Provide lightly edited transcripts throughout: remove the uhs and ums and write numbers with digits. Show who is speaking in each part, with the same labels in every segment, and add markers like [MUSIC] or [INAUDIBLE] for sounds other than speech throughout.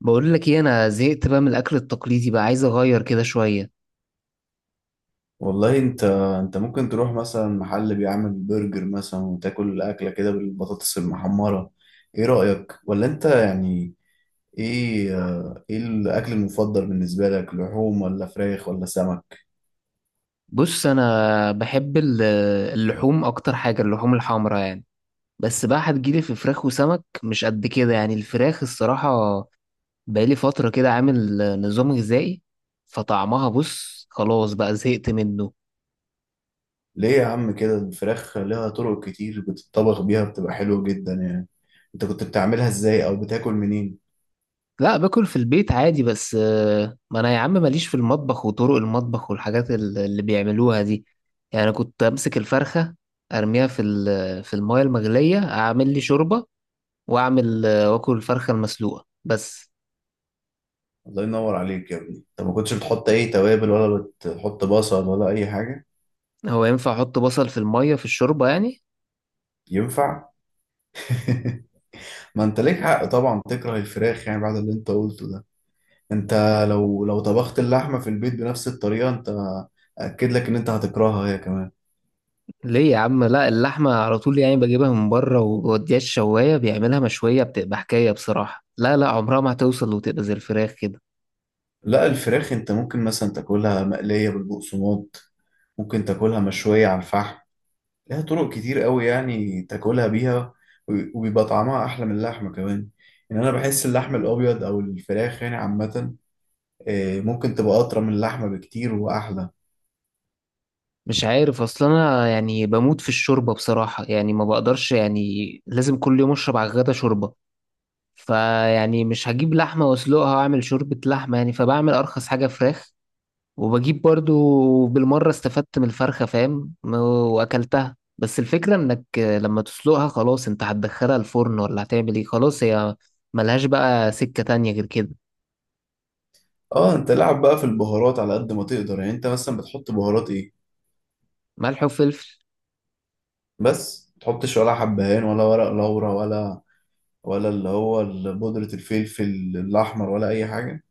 Speaker 1: بقول لك ايه، انا زهقت بقى من الاكل التقليدي، بقى عايز اغير كده شويه.
Speaker 2: والله انت ممكن تروح مثلا محل بيعمل برجر مثلا، وتاكل اكله كده بالبطاطس المحمره. ايه رايك؟ ولا انت يعني ايه الاكل المفضل بالنسبه لك، لحوم ولا فراخ ولا سمك؟
Speaker 1: بص، انا بحب اللحوم اكتر حاجه، اللحوم الحمراء يعني. بس بقى هتجيلي في فراخ وسمك مش قد كده يعني، الفراخ الصراحه بقالي فتره كده عامل نظام غذائي، فطعمها بص خلاص بقى زهقت منه.
Speaker 2: ليه يا عم كده؟ الفراخ لها طرق كتير بتطبخ بيها، بتبقى حلوه جدا يعني. انت كنت بتعملها ازاي او بتاكل منين؟
Speaker 1: لا، باكل في البيت عادي بس. ما انا يا عم ماليش في المطبخ وطرق المطبخ والحاجات اللي بيعملوها دي. يعني انا كنت امسك الفرخة، ارميها في في المايه المغلية، اعمل لي شوربة، واعمل آه، واكل الفرخة المسلوقة بس.
Speaker 2: الله ينور عليك يا ابني، انت ما كنتش بتحط اي توابل ولا بتحط بصل ولا اي حاجه؟
Speaker 1: هو ينفع احط بصل في المايه في الشوربة يعني؟
Speaker 2: ينفع. [LAUGHS] ما انت ليك حق طبعا تكره الفراخ يعني بعد اللي انت قلته ده. انت لو طبخت اللحمة في البيت بنفس الطريقة، انت اكد لك ان انت هتكرهها هي كمان.
Speaker 1: ليه يا عم؟ لا اللحمة على طول يعني بجيبها من بره وبوديها الشواية، بيعملها مشوية، بتبقى حكاية بصراحة. لا، لا، عمرها ما هتوصل وتبقى زي الفراخ كده.
Speaker 2: لا، الفراخ انت ممكن مثلا تاكلها مقلية بالبقسماط، ممكن تاكلها مشوية على الفحم. لها طرق كتير قوي يعني تاكلها بيها. وبيبقى طعمها احلى من اللحمة كمان. يعني انا بحس اللحم الابيض او الفراخ يعني عامة ممكن تبقى اطرى من اللحمة بكتير واحلى.
Speaker 1: مش عارف، اصل انا يعني بموت في الشوربه بصراحه يعني، ما بقدرش يعني لازم كل يوم اشرب على الغدا شوربه. فيعني مش هجيب لحمه واسلقها واعمل شوربه لحمه يعني، فبعمل ارخص حاجه فراخ، وبجيب برضو بالمره استفدت من الفرخه فاهم واكلتها. بس الفكره انك لما تسلقها خلاص انت هتدخلها الفرن ولا هتعمل ايه، خلاص هي ملهاش بقى سكه تانية غير كده.
Speaker 2: اه، انت لعب بقى في البهارات على قد ما تقدر يعني. انت مثلا بتحط بهارات ايه؟
Speaker 1: ملح وفلفل.
Speaker 2: بس ما تحطش ولا حبهان ولا ورق لورا، ولا ولا بودرة الفلفل الأحمر ولا أي حاجة؟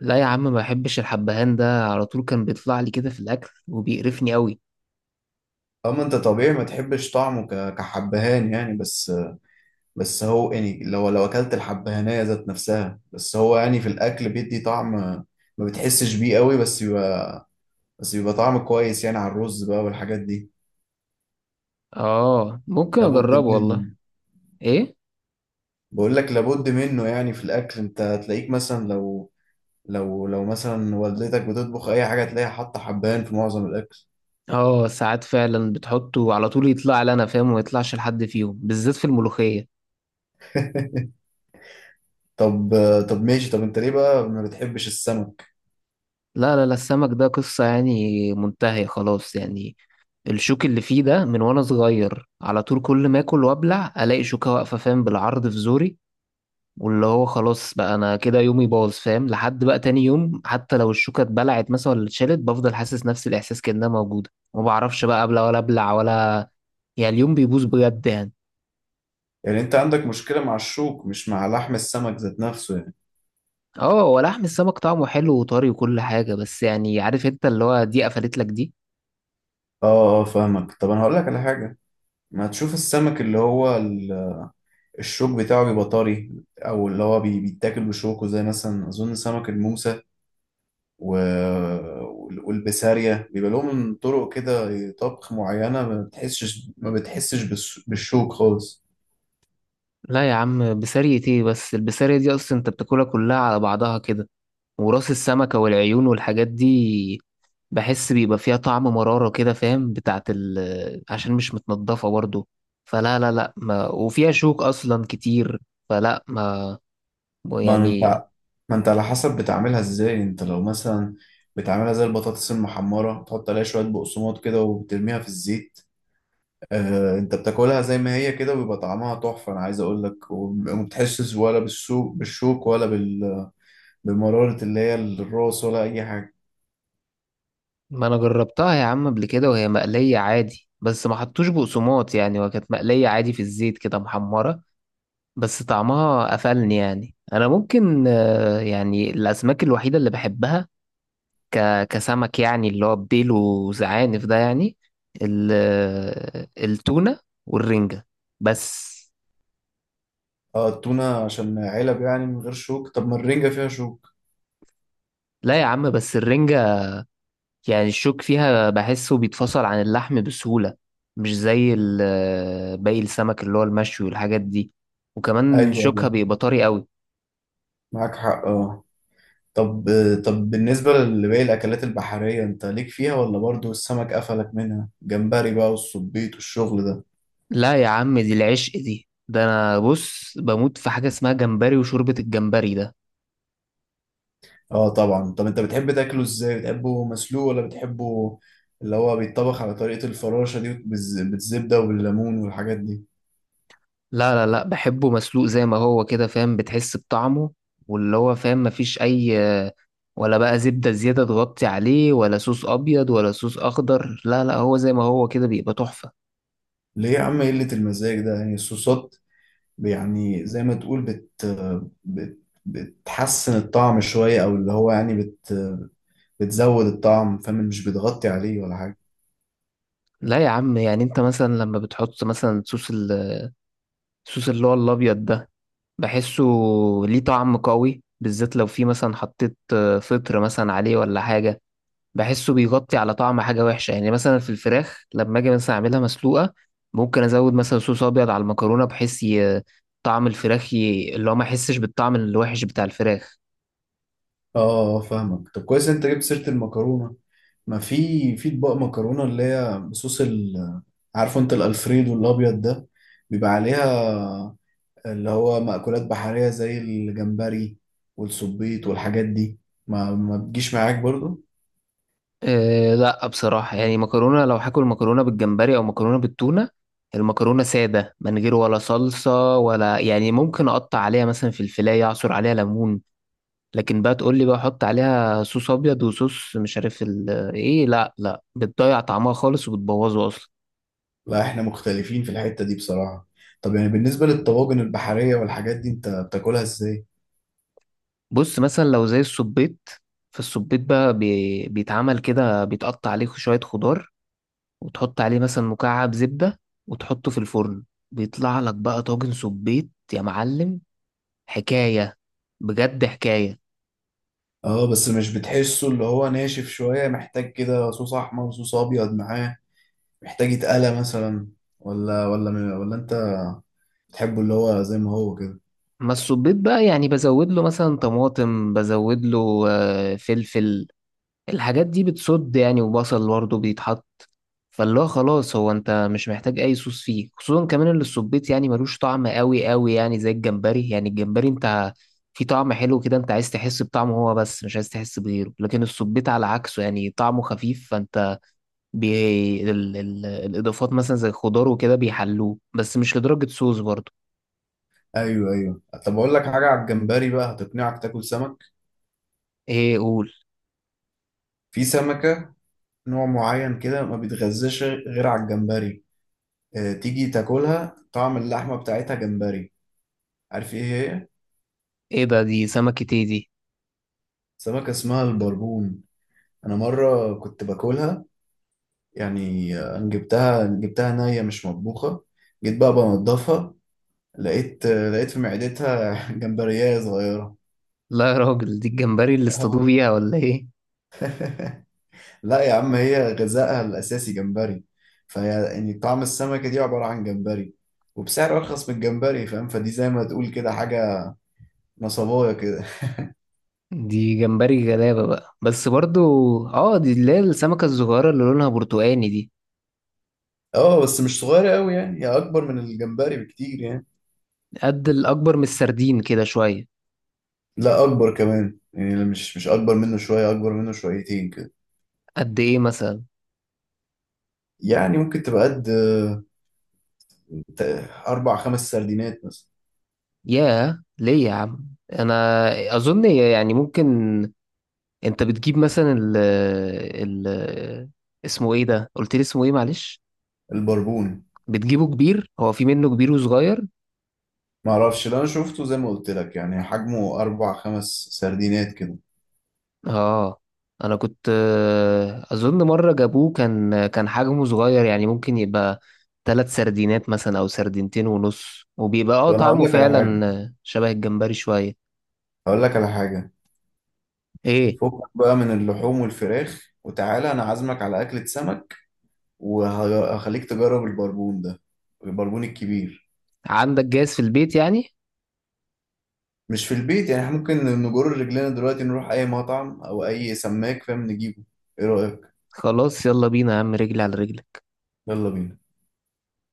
Speaker 1: لا يا عم، ما بحبش الحبهان ده، على طول كان بيطلع لي كده في الاكل وبيقرفني قوي.
Speaker 2: أما أنت طبيعي ما تحبش طعمه كحبهان يعني. بس هو يعني لو أكلت الحبهانية ذات نفسها، بس هو يعني في الأكل بيدي طعم ما بتحسش بيه قوي، بس بيبقى طعم كويس يعني على الرز بقى والحاجات دي.
Speaker 1: اه، ممكن
Speaker 2: لابد
Speaker 1: اجربه
Speaker 2: منه.
Speaker 1: والله. ايه؟
Speaker 2: بقول لك لابد منه يعني في الأكل. أنت هتلاقيك مثلا لو مثلا والدتك بتطبخ أي حاجة، تلاقيها حاطة حبهان في معظم الأكل.
Speaker 1: اه ساعات فعلا بتحطه على طول، يطلع لي انا فاهم وما يطلعش لحد فيهم، بالذات في الملوخية.
Speaker 2: طب طب ماشي، طب انت ليه بقى ما بتحبش السمك؟
Speaker 1: لا، لا، لا، السمك ده قصة يعني منتهية خلاص يعني. الشوك اللي فيه ده من وانا صغير، على طول كل ما اكل وابلع الاقي شوكة واقفة فاهم بالعرض في زوري، واللي هو خلاص بقى انا كده يومي باظ فاهم، لحد بقى تاني يوم حتى لو الشوكة اتبلعت مثلا ولا اتشالت بفضل حاسس نفس الاحساس كأنها موجودة، ما بعرفش بقى ابلع ولا ابلع ولا، يعني اليوم بيبوظ بجد يعني.
Speaker 2: يعني انت عندك مشكلة مع الشوك مش مع لحم السمك ذات نفسه يعني؟
Speaker 1: اه، هو لحم السمك طعمه حلو وطري وكل حاجة بس يعني، عارف انت اللي هو دي قفلت لك دي.
Speaker 2: اه، اه، فاهمك. طب انا هقول لك على حاجة. ما تشوف السمك، الشوك بتاعه بيبقى طري، او اللي هو بيتاكل بشوكه زي مثلا اظن سمك الموسى و... والبسارية، بيبقى لهم طرق كده طبخ معينة. ما بتحسش بالشوك خالص.
Speaker 1: لا يا عم، بسارية ايه؟ بس البسارية دي اصلا انت بتاكلها كلها على بعضها كده، وراس السمكة والعيون والحاجات دي، بحس بيبقى فيها طعم مرارة كده فاهم، بتاعت عشان مش متنضفة برضو. فلا، لا، لا، ما وفيها شوك اصلا كتير، فلا ما
Speaker 2: ما انت
Speaker 1: يعني.
Speaker 2: ما انت على حسب بتعملها ازاي. انت لو مثلا بتعملها زي البطاطس المحمرة، تحط عليها شوية بقسماط كده وبترميها في الزيت، انت بتاكلها زي ما هي كده، وبيبقى طعمها تحفة انا عايز اقول لك. وما بتحسش ولا بالشوك، بالشوك ولا بمرارة اللي هي الراس، ولا اي حاجة.
Speaker 1: ما انا جربتها يا عم قبل كده، وهي مقلية عادي بس ما حطوش بقسماط يعني، وكانت مقلية عادي في الزيت كده محمرة. بس طعمها قفلني يعني، انا ممكن يعني الاسماك الوحيده اللي بحبها ك... كسمك يعني، اللي هو بديل وزعانف ده يعني، ال... آه، التونه والرنجه بس.
Speaker 2: اه، التونة عشان علب يعني من غير شوك. طب ما الرنجة فيها شوك؟
Speaker 1: لا يا عم، بس الرنجه يعني الشوك فيها بحسه بيتفصل عن اللحم بسهوله، مش زي ال... آه، باقي السمك اللي هو المشوي والحاجات دي، وكمان
Speaker 2: ايوه،
Speaker 1: شوكها
Speaker 2: ايوه،
Speaker 1: بيبقى طري قوي.
Speaker 2: معاك حق اه. طب طب بالنسبة لباقي الأكلات البحرية، أنت ليك فيها ولا برضو السمك قفلك منها؟ جمبري بقى والسبيط والشغل ده؟
Speaker 1: لا يا عم، دي العشق دي، ده انا بص بموت في حاجه اسمها جمبري وشوربه الجمبري ده.
Speaker 2: آه طبعا. طب أنت بتحب تاكله إزاي؟ بتحبه مسلوق، ولا بتحبه اللي هو بيتطبخ على طريقة الفراشة دي بالزبدة وبالليمون والحاجات دي؟
Speaker 1: لا، لا، لا، بحبه مسلوق زي ما هو كده فاهم، بتحس بطعمه، واللي هو فاهم مفيش أي، ولا بقى زبدة زيادة تغطي عليه ولا صوص أبيض ولا صوص أخضر. لا، لا، هو زي ما هو كده بيبقى تحفة.
Speaker 2: ليه يا عم إيه قلة المزاج ده؟ يعني الصوصات يعني زي ما تقول بت بت بتحسن الطعم شوية، أو اللي هو يعني بتزود الطعم، فاهم؟ مش بتغطي عليه ولا حاجة.
Speaker 1: لا يا عم، يعني أنت مثلا لما بتحط مثلا صوص الصوص اللي هو الأبيض ده، بحسه ليه طعم قوي، بالذات لو في مثلا حطيت فطر مثلا عليه ولا حاجة، بحسه بيغطي على طعم حاجة وحشة. يعني مثلا في الفراخ لما أجي مثلا أعملها مسلوقة، ممكن أزود مثلا صوص أبيض على المكرونة بحيث طعم الفراخ اللي هو ما أحسش بالطعم الوحش بتاع الفراخ.
Speaker 2: اه، اه، اه، فاهمك. طب كويس انت جبت سيرة المكرونة. ما في اطباق مكرونة اللي هي بصوص ال، عارفه انت الالفريدو الابيض ده، بيبقى عليها اللي هو مأكولات بحرية زي الجمبري والسبيط والحاجات دي. ما بتجيش معاك برضو؟
Speaker 1: أه لا، بصراحة يعني مكرونة، لو هاكل مكرونة بالجمبري أو مكرونة بالتونة، المكرونة سادة من غير ولا صلصة، ولا يعني ممكن أقطع عليها مثلا في الفلاية أعصر عليها ليمون. لكن بقى تقول لي بقى أحط عليها صوص أبيض وصوص مش عارف إيه، لا، لا، بتضيع طعمها خالص وبتبوظه أصلا.
Speaker 2: لا، احنا مختلفين في الحتة دي بصراحة. طب يعني بالنسبة للطواجن البحرية والحاجات دي انت بتاكلها ازاي؟
Speaker 1: بص مثلا لو زي السبيط، فالسبيط بقى بيتعمل كده، بيتقطع عليه شوية خضار، وتحط عليه مثلا مكعب زبدة، وتحطه في الفرن، بيطلع لك بقى طاجن سبيط يا معلم، حكاية، بجد حكاية.
Speaker 2: اه، بس مش بتحسه اللي هو ناشف شوية، محتاج كده صوص احمر صوص ابيض معاه؟ محتاج يتقلى مثلا؟ ولا انت بتحبه اللي هو زي ما هو كده؟
Speaker 1: ما السبيط بقى يعني بزود له مثلا طماطم، بزود له فلفل، الحاجات دي بتصد يعني، وبصل برضه بيتحط، فاللي هو خلاص، هو انت مش محتاج اي صوص فيه، خصوصا كمان اللي الصبيط يعني ملوش طعم قوي قوي يعني، زي الجمبري يعني. الجمبري انت في طعم حلو كده، انت عايز تحس بطعمه هو بس، مش عايز تحس بغيره، لكن الصبيط على عكسه يعني طعمه خفيف، فانت الاضافات مثلا زي الخضار وكده بيحلوه، بس مش لدرجة صوص برضه.
Speaker 2: ايوه، ايوه، طب اقول لك حاجه على الجمبري بقى هتقنعك تاكل سمك.
Speaker 1: ايه، قول.
Speaker 2: في سمكه نوع معين كده ما بيتغذاش غير على الجمبري. اه، تيجي تاكلها طعم اللحمه بتاعتها جمبري. عارف ايه هي؟
Speaker 1: ايه ده؟ دي سمكة ايه دي؟
Speaker 2: سمكه اسمها البربون. انا مره كنت باكلها، يعني انا جبتها، جبتها نيه مش مطبوخه. جيت بقى بنضفها، لقيت لقيت في معدتها [LAUGHS] جمبريه صغيره.
Speaker 1: لا يا راجل، دي الجمبري اللي اصطادوه
Speaker 2: [LAUGHS]
Speaker 1: بيها ولا ايه؟
Speaker 2: لا يا عم، هي غذائها الأساسي جمبري، فهي يعني طعم السمكة دي عبارة عن جمبري، وبسعر أرخص من الجمبري فاهم؟ فدي زي ما تقول كده حاجة نصباية كده. [LAUGHS]
Speaker 1: دي جمبري غلابة بقى بس برضو. اه، دي اللي هي السمكة الصغيرة اللي لونها برتقاني دي؟
Speaker 2: اه بس مش صغيرة قوي يعني، هي أكبر من الجمبري بكتير يعني.
Speaker 1: قد الأكبر من السردين كده شوية؟
Speaker 2: لا أكبر كمان يعني، لا مش أكبر منه شوية، أكبر منه شويتين كده.
Speaker 1: قد إيه مثلا؟
Speaker 2: يعني ممكن تبقى قد ت- أربع خمس سردينات مثلا.
Speaker 1: ياه، ليه يا عم؟ أنا أظن يعني ممكن، أنت بتجيب مثلا ال ال اسمه إيه ده، قلت لي اسمه إيه معلش؟
Speaker 2: البربون.
Speaker 1: بتجيبه كبير؟ هو في منه كبير وصغير.
Speaker 2: معرفش ده، أنا شفته زي ما قلت لك يعني حجمه أربع خمس سردينات كده.
Speaker 1: اه انا كنت اظن مره جابوه، كان حجمه صغير يعني، ممكن يبقى 3 سردينات مثلا او سردينتين ونص، وبيبقى اه
Speaker 2: طب أنا هقول
Speaker 1: طعمه
Speaker 2: لك على حاجة،
Speaker 1: فعلا شبه الجمبري شويه.
Speaker 2: هقول لك على حاجة
Speaker 1: ايه؟
Speaker 2: فكك بقى من اللحوم والفراخ، وتعالى انا عازمك على اكلة سمك. وهخليك تجرب البربون ده، البربون الكبير.
Speaker 1: عندك جاهز في البيت يعني؟
Speaker 2: مش في البيت يعني، احنا ممكن نجر رجلنا دلوقتي نروح اي مطعم او اي سماك فاهم نجيبه. ايه رأيك؟
Speaker 1: خلاص يلا بينا يا عم، رجلي على رجلي.
Speaker 2: يلا بينا.